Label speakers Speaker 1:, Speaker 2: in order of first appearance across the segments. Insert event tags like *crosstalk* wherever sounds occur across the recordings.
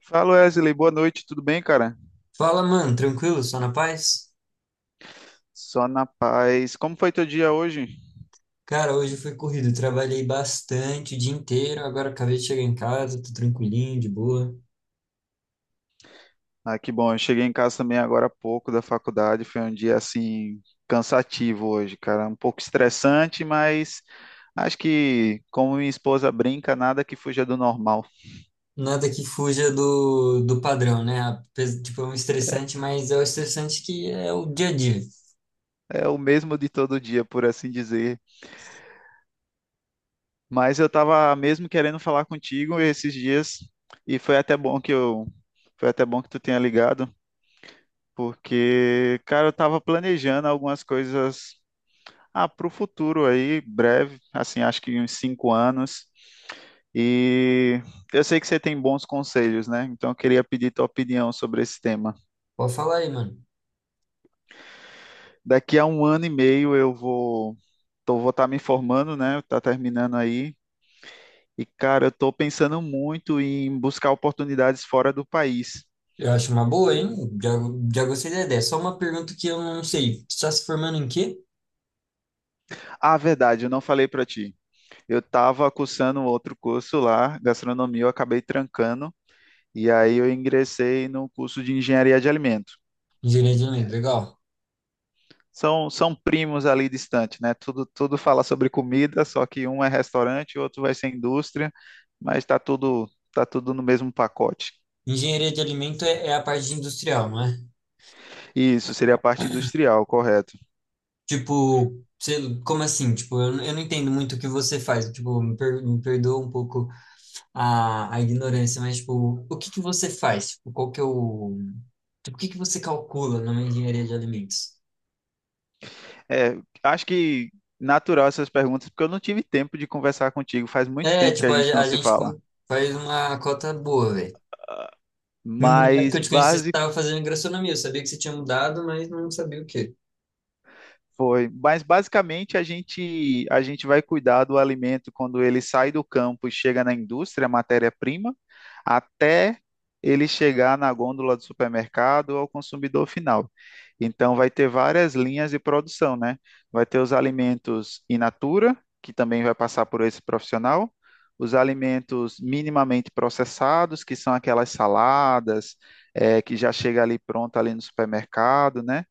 Speaker 1: Fala Wesley, boa noite, tudo bem, cara?
Speaker 2: Fala, mano, tranquilo? Só na paz?
Speaker 1: Só na paz. Como foi teu dia hoje?
Speaker 2: Cara, hoje foi corrido, trabalhei bastante o dia inteiro, agora acabei de chegar em casa, tô tranquilinho, de boa.
Speaker 1: Ah, que bom, eu cheguei em casa também agora há pouco da faculdade, foi um dia assim cansativo hoje, cara, um pouco estressante, mas acho que como minha esposa brinca, nada que fuja do normal.
Speaker 2: Nada que fuja do padrão, né? Tipo, é um estressante, mas é o estressante que é o dia a dia.
Speaker 1: É o mesmo de todo dia, por assim dizer. Mas eu tava mesmo querendo falar contigo esses dias e foi até bom que tu tenha ligado, porque, cara, eu tava planejando algumas coisas para o futuro aí, breve, assim, acho que uns 5 anos. E eu sei que você tem bons conselhos, né? Então eu queria pedir tua opinião sobre esse tema.
Speaker 2: Pode falar aí, mano.
Speaker 1: Daqui a 1 ano e meio eu vou estar me formando, né? Tá terminando aí. E, cara, eu tô pensando muito em buscar oportunidades fora do país.
Speaker 2: Eu acho uma boa, hein? Já, já gostei da ideia. Só uma pergunta que eu não sei. Você tá se formando em quê?
Speaker 1: Ah, verdade, eu não falei para ti. Eu tava cursando outro curso lá, gastronomia, eu acabei trancando. E aí eu ingressei no curso de engenharia de alimento.
Speaker 2: Engenharia de alimento, legal.
Speaker 1: São primos ali distantes, né? Tudo fala sobre comida, só que um é restaurante, o outro vai ser indústria, mas tá tudo no mesmo pacote.
Speaker 2: Engenharia de alimento é a parte industrial, não é?
Speaker 1: Isso seria a parte industrial, correto.
Speaker 2: Tipo, como assim? Tipo, eu não entendo muito o que você faz. Tipo, me perdoa um pouco a ignorância, mas, tipo, o que que você faz? Tipo, qual que é o... Tipo, o que que você calcula numa engenharia de alimentos?
Speaker 1: É, acho que natural essas perguntas, porque eu não tive tempo de conversar contigo, faz muito
Speaker 2: É,
Speaker 1: tempo que
Speaker 2: tipo,
Speaker 1: a gente não
Speaker 2: a
Speaker 1: se
Speaker 2: gente
Speaker 1: fala.
Speaker 2: faz uma cota boa, velho. Na época que
Speaker 1: Mas
Speaker 2: eu te conheci, você
Speaker 1: base
Speaker 2: estava fazendo gastronomia. Eu sabia que você tinha mudado, mas não sabia o quê.
Speaker 1: mas basicamente a gente vai cuidar do alimento quando ele sai do campo e chega na indústria, matéria-prima, até ele chegar na gôndola do supermercado ou ao consumidor final. Então vai ter várias linhas de produção, né? Vai ter os alimentos in natura, que também vai passar por esse profissional, os alimentos minimamente processados, que são aquelas saladas, que já chega ali pronta ali no supermercado, né?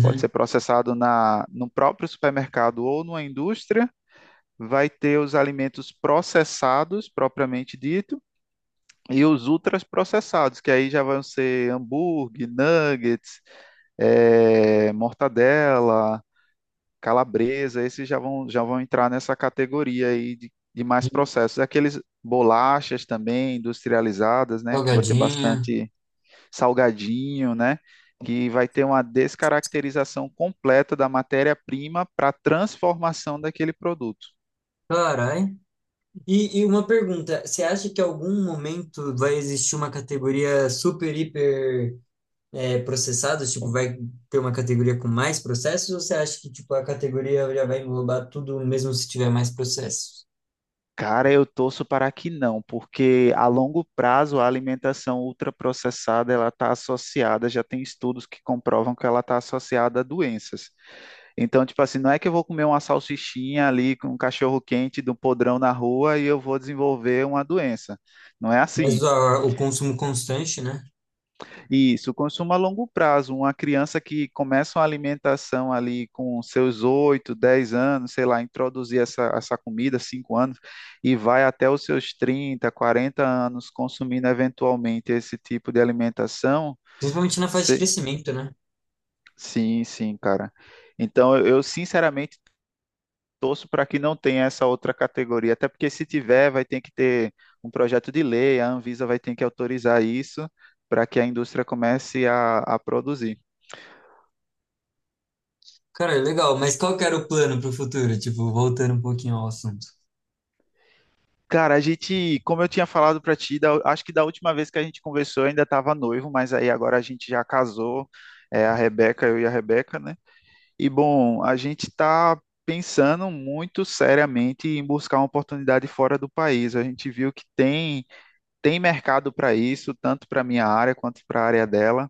Speaker 1: Pode ser processado no próprio supermercado ou numa indústria, vai ter os alimentos processados, propriamente dito, e os ultraprocessados, que aí já vão ser hambúrguer, nuggets, mortadela, calabresa, esses já vão entrar nessa categoria aí de mais processos. Aqueles bolachas também industrializadas, né, que vai ter
Speaker 2: Salgadinha.
Speaker 1: bastante salgadinho, né? Que vai ter uma descaracterização completa da matéria-prima para a transformação daquele produto.
Speaker 2: Carai. E uma pergunta, você acha que em algum momento vai existir uma categoria super, hiper processados? Tipo, vai ter uma categoria com mais processos? Ou você acha que tipo, a categoria já vai englobar tudo mesmo se tiver mais processos?
Speaker 1: Cara, eu torço para que não, porque a longo prazo a alimentação ultraprocessada ela está associada, já tem estudos que comprovam que ela está associada a doenças. Então, tipo assim, não é que eu vou comer uma salsichinha ali com um cachorro quente do podrão na rua e eu vou desenvolver uma doença. Não é
Speaker 2: Mas
Speaker 1: assim.
Speaker 2: o consumo constante, né?
Speaker 1: Isso, consumo a longo prazo. Uma criança que começa uma alimentação ali com seus 8, 10 anos, sei lá, introduzir essa comida, 5 anos, e vai até os seus 30, 40 anos consumindo eventualmente esse tipo de alimentação.
Speaker 2: Principalmente na fase de
Speaker 1: se-
Speaker 2: crescimento, né?
Speaker 1: Sim, sim, cara. Então, eu sinceramente torço para que não tenha essa outra categoria, até porque se tiver, vai ter que ter um projeto de lei, a Anvisa vai ter que autorizar isso para que a indústria comece a produzir.
Speaker 2: Cara, legal. Mas qual que era o plano para o futuro? Tipo, voltando um pouquinho ao assunto.
Speaker 1: Cara, a gente, como eu tinha falado pra ti, acho que da última vez que a gente conversou eu ainda estava noivo, mas aí agora a gente já casou, eu e a Rebeca, né? E bom, a gente está pensando muito seriamente em buscar uma oportunidade fora do país. A gente viu que tem mercado para isso, tanto para minha área quanto para a área dela.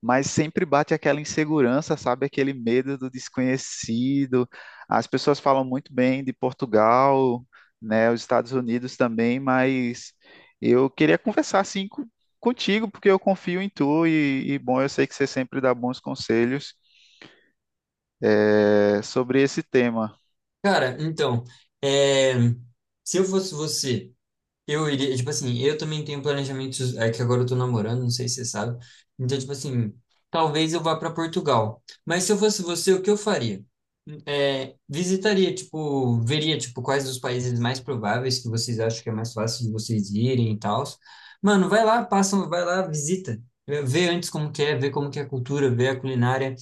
Speaker 1: Mas sempre bate aquela insegurança, sabe? Aquele medo do desconhecido. As pessoas falam muito bem de Portugal, né? Os Estados Unidos também, mas eu queria conversar assim contigo, porque eu confio em tu e, bom, eu sei que você sempre dá bons conselhos sobre esse tema.
Speaker 2: Cara, então, é, se eu fosse você, eu iria, tipo assim, eu também tenho planejamentos, é que agora eu tô namorando, não sei se você sabe. Então, tipo assim, talvez eu vá para Portugal. Mas se eu fosse você, o que eu faria? É, visitaria, tipo, veria, tipo, quais os países mais prováveis que vocês acham que é mais fácil de vocês irem e tal. Mano, vai lá, passa, vai lá, visita. Vê antes como que é, vê como que é a cultura, vê a culinária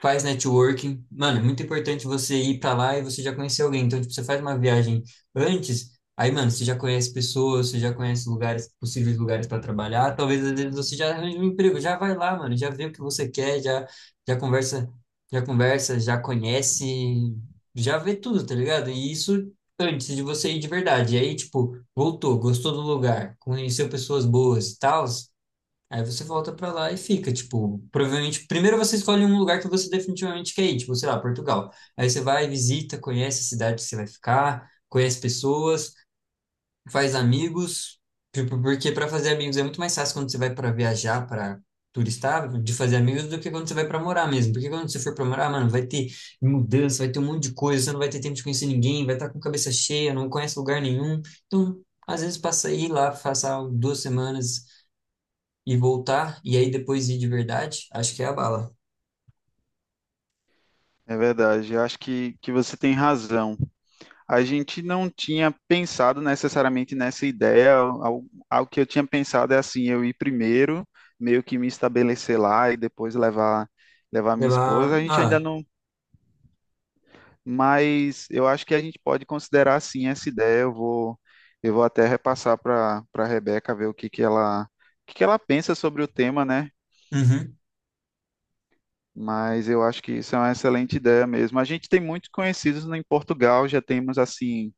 Speaker 2: faz networking. Mano, é muito importante você ir para lá e você já conhecer alguém. Então, tipo, você faz uma viagem antes, aí, mano, você já conhece pessoas, você já conhece lugares, possíveis lugares para trabalhar. Talvez às vezes você já arranje um emprego, já vai lá, mano, já vê o que você quer, já conversa, já conversa, já conhece, já vê tudo, tá ligado? E isso antes de você ir de verdade. E aí, tipo, voltou, gostou do lugar, conheceu pessoas boas e tal, aí você volta pra lá e fica, tipo, provavelmente, primeiro você escolhe um lugar que você definitivamente quer ir, tipo, sei lá, Portugal. Aí você vai, visita, conhece a cidade que você vai ficar, conhece pessoas, faz amigos, tipo, porque para fazer amigos é muito mais fácil quando você vai para viajar, para turistar, de fazer amigos do que quando você vai para morar mesmo. Porque quando você for para morar, mano, vai ter mudança, vai ter um monte de coisa, você não vai ter tempo de conhecer ninguém, vai estar com cabeça cheia, não conhece lugar nenhum. Então, às vezes passa aí lá, passar duas semanas e voltar, e aí depois ir de verdade, acho que é a bala.
Speaker 1: É verdade, eu acho que você tem razão. A gente não tinha pensado necessariamente nessa ideia. Algo que eu tinha pensado é assim, eu ir primeiro, meio que me estabelecer lá e depois levar minha esposa. A
Speaker 2: Levar.
Speaker 1: gente ainda
Speaker 2: Ah,
Speaker 1: não, mas eu acho que a gente pode considerar sim essa ideia. Eu vou até repassar para Rebeca ver o que que ela pensa sobre o tema, né?
Speaker 2: uhum,
Speaker 1: Mas eu acho que isso é uma excelente ideia mesmo. A gente tem muitos conhecidos em Portugal, já temos assim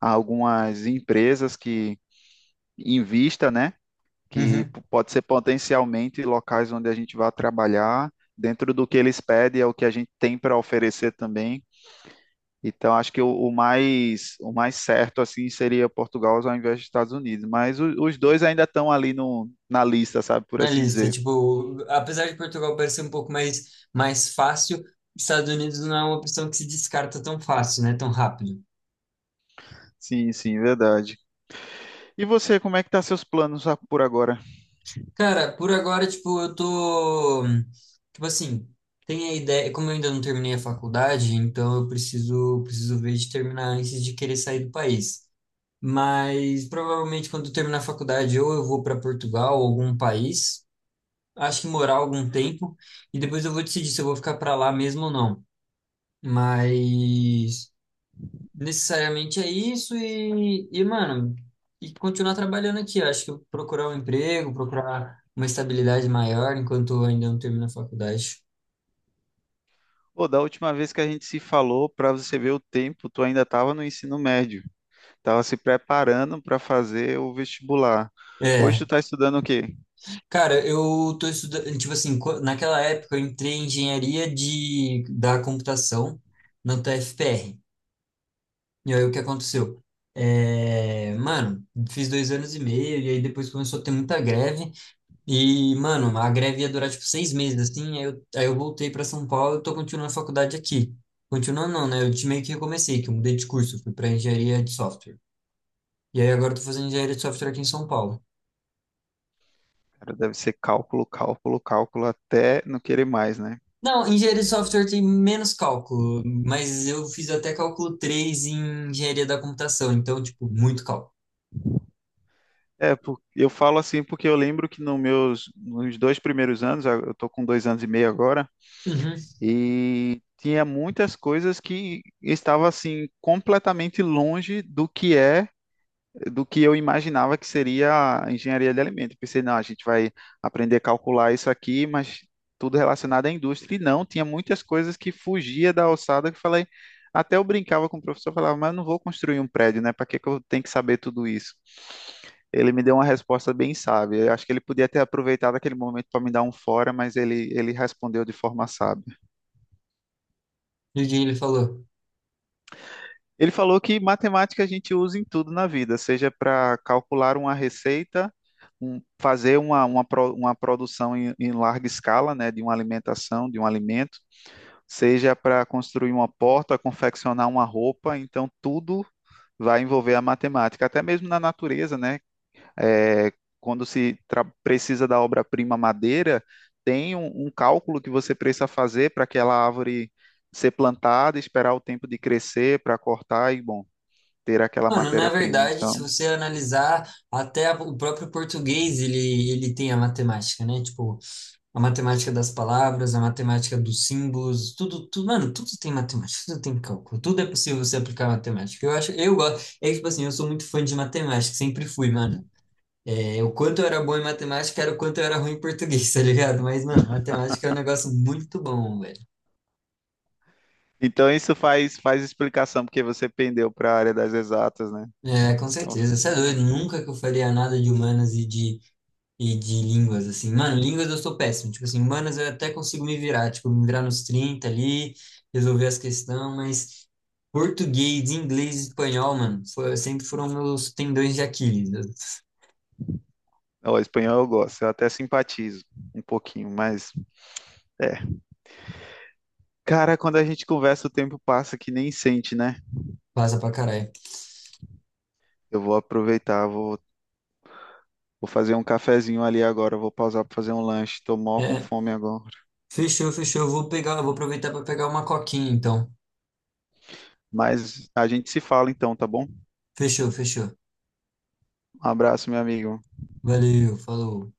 Speaker 1: algumas empresas que em vista, né? Que
Speaker 2: uhum.
Speaker 1: pode ser potencialmente locais onde a gente vai trabalhar, dentro do que eles pedem, é o que a gente tem para oferecer também. Então, acho que o mais certo assim seria Portugal ao invés dos Estados Unidos, mas os dois ainda estão ali no, na lista, sabe, por
Speaker 2: Na
Speaker 1: assim
Speaker 2: lista,
Speaker 1: dizer.
Speaker 2: tipo, apesar de Portugal parecer um pouco mais, mais fácil, Estados Unidos não é uma opção que se descarta tão fácil, né? Tão rápido.
Speaker 1: Sim, sim, verdade. E você, como é que tá seus planos por agora?
Speaker 2: Cara, por agora, tipo, eu tô. Tipo assim, tem a ideia. Como eu ainda não terminei a faculdade, então preciso ver de terminar antes de querer sair do país. Mas provavelmente quando eu terminar a faculdade, ou eu vou para Portugal, ou algum país, acho que morar algum tempo e depois eu vou decidir se eu vou ficar para lá mesmo ou não. Mas necessariamente é isso e mano, e continuar trabalhando aqui. Eu acho que eu procurar um emprego, procurar uma estabilidade maior enquanto eu ainda não termino a faculdade.
Speaker 1: Pô, da última vez que a gente se falou, para você ver o tempo, tu ainda estava no ensino médio. Estava se preparando para fazer o vestibular. Hoje
Speaker 2: É,
Speaker 1: tu está estudando o quê?
Speaker 2: cara, eu tô estudando, tipo assim, naquela época eu entrei em engenharia da computação na UTFPR. E aí o que aconteceu? É, mano, fiz dois anos e meio, e aí depois começou a ter muita greve, e, mano, a greve ia durar tipo seis meses, assim, aí eu voltei para São Paulo e tô continuando a faculdade aqui. Continuando não, né? Meio que recomecei, que eu mudei de curso, fui para engenharia de software. E aí agora eu tô fazendo engenharia de software aqui em São Paulo.
Speaker 1: Cara, deve ser cálculo, cálculo, cálculo, até não querer mais, né?
Speaker 2: Não, engenharia de software tem menos cálculo, mas eu fiz até cálculo 3 em engenharia da computação, então, tipo, muito cálculo.
Speaker 1: É, eu falo assim porque eu lembro que nos 2 primeiros anos, eu tô com 2 anos e meio agora,
Speaker 2: Uhum.
Speaker 1: e tinha muitas coisas que estava assim completamente longe do que eu imaginava que seria a engenharia de alimentos. Pensei, não, a gente vai aprender a calcular isso aqui, mas tudo relacionado à indústria. E não, tinha muitas coisas que fugia da alçada que eu falei. Até eu brincava com o professor, falava, mas eu não vou construir um prédio, né? Para que que eu tenho que saber tudo isso? Ele me deu uma resposta bem sábia. Eu acho que ele podia ter aproveitado aquele momento para me dar um fora, mas ele respondeu de forma sábia.
Speaker 2: E o que ele falou?
Speaker 1: Ele falou que matemática a gente usa em tudo na vida, seja para calcular uma receita, um- fazer uma, pro- uma produção em larga escala, né, de uma alimentação, de um alimento, seja para construir uma porta, confeccionar uma roupa, então tudo vai envolver a matemática, até mesmo na natureza, né? É, quando se tra- precisa da obra-prima madeira, tem um cálculo que você precisa fazer para aquela árvore ser plantada, esperar o tempo de crescer para cortar e bom ter aquela
Speaker 2: Mano, na
Speaker 1: matéria-prima,
Speaker 2: verdade, se
Speaker 1: então.
Speaker 2: você analisar, até o próprio português, ele tem a matemática, né? Tipo, a matemática das palavras, a matemática dos símbolos, tudo, tudo, mano, tudo tem matemática, tudo tem cálculo, tudo é possível você aplicar matemática. Eu acho, eu gosto, é tipo assim, eu sou muito fã de matemática, sempre fui, mano. É, o quanto eu era bom em matemática era o quanto eu era ruim em português, *laughs* tá ligado? Mas, mano, matemática é um negócio muito bom, velho.
Speaker 1: Então isso faz explicação porque você pendeu para a área das exatas, né?
Speaker 2: É, com
Speaker 1: Então,
Speaker 2: certeza. Você é doido, nunca que eu faria nada de humanas e de e de línguas, assim. Mano, línguas eu sou péssimo. Tipo assim, humanas eu até consigo me virar. Tipo, me virar nos 30 ali, resolver as questões, mas português, inglês e espanhol, mano, sempre foram meus tendões de Aquiles. Eu-
Speaker 1: o espanhol eu gosto, eu até simpatizo um pouquinho, mas é. Cara, quando a gente conversa, o tempo passa que nem sente, né?
Speaker 2: Passa pra caralho.
Speaker 1: Eu vou aproveitar, vou fazer um cafezinho ali agora, vou pausar para fazer um lanche. Tô mó com
Speaker 2: É,
Speaker 1: fome agora.
Speaker 2: fechou. Eu vou pegar, eu vou aproveitar pra pegar uma coquinha, então.
Speaker 1: Mas a gente se fala então, tá bom?
Speaker 2: Fechou.
Speaker 1: Um abraço, meu amigo.
Speaker 2: Valeu, falou.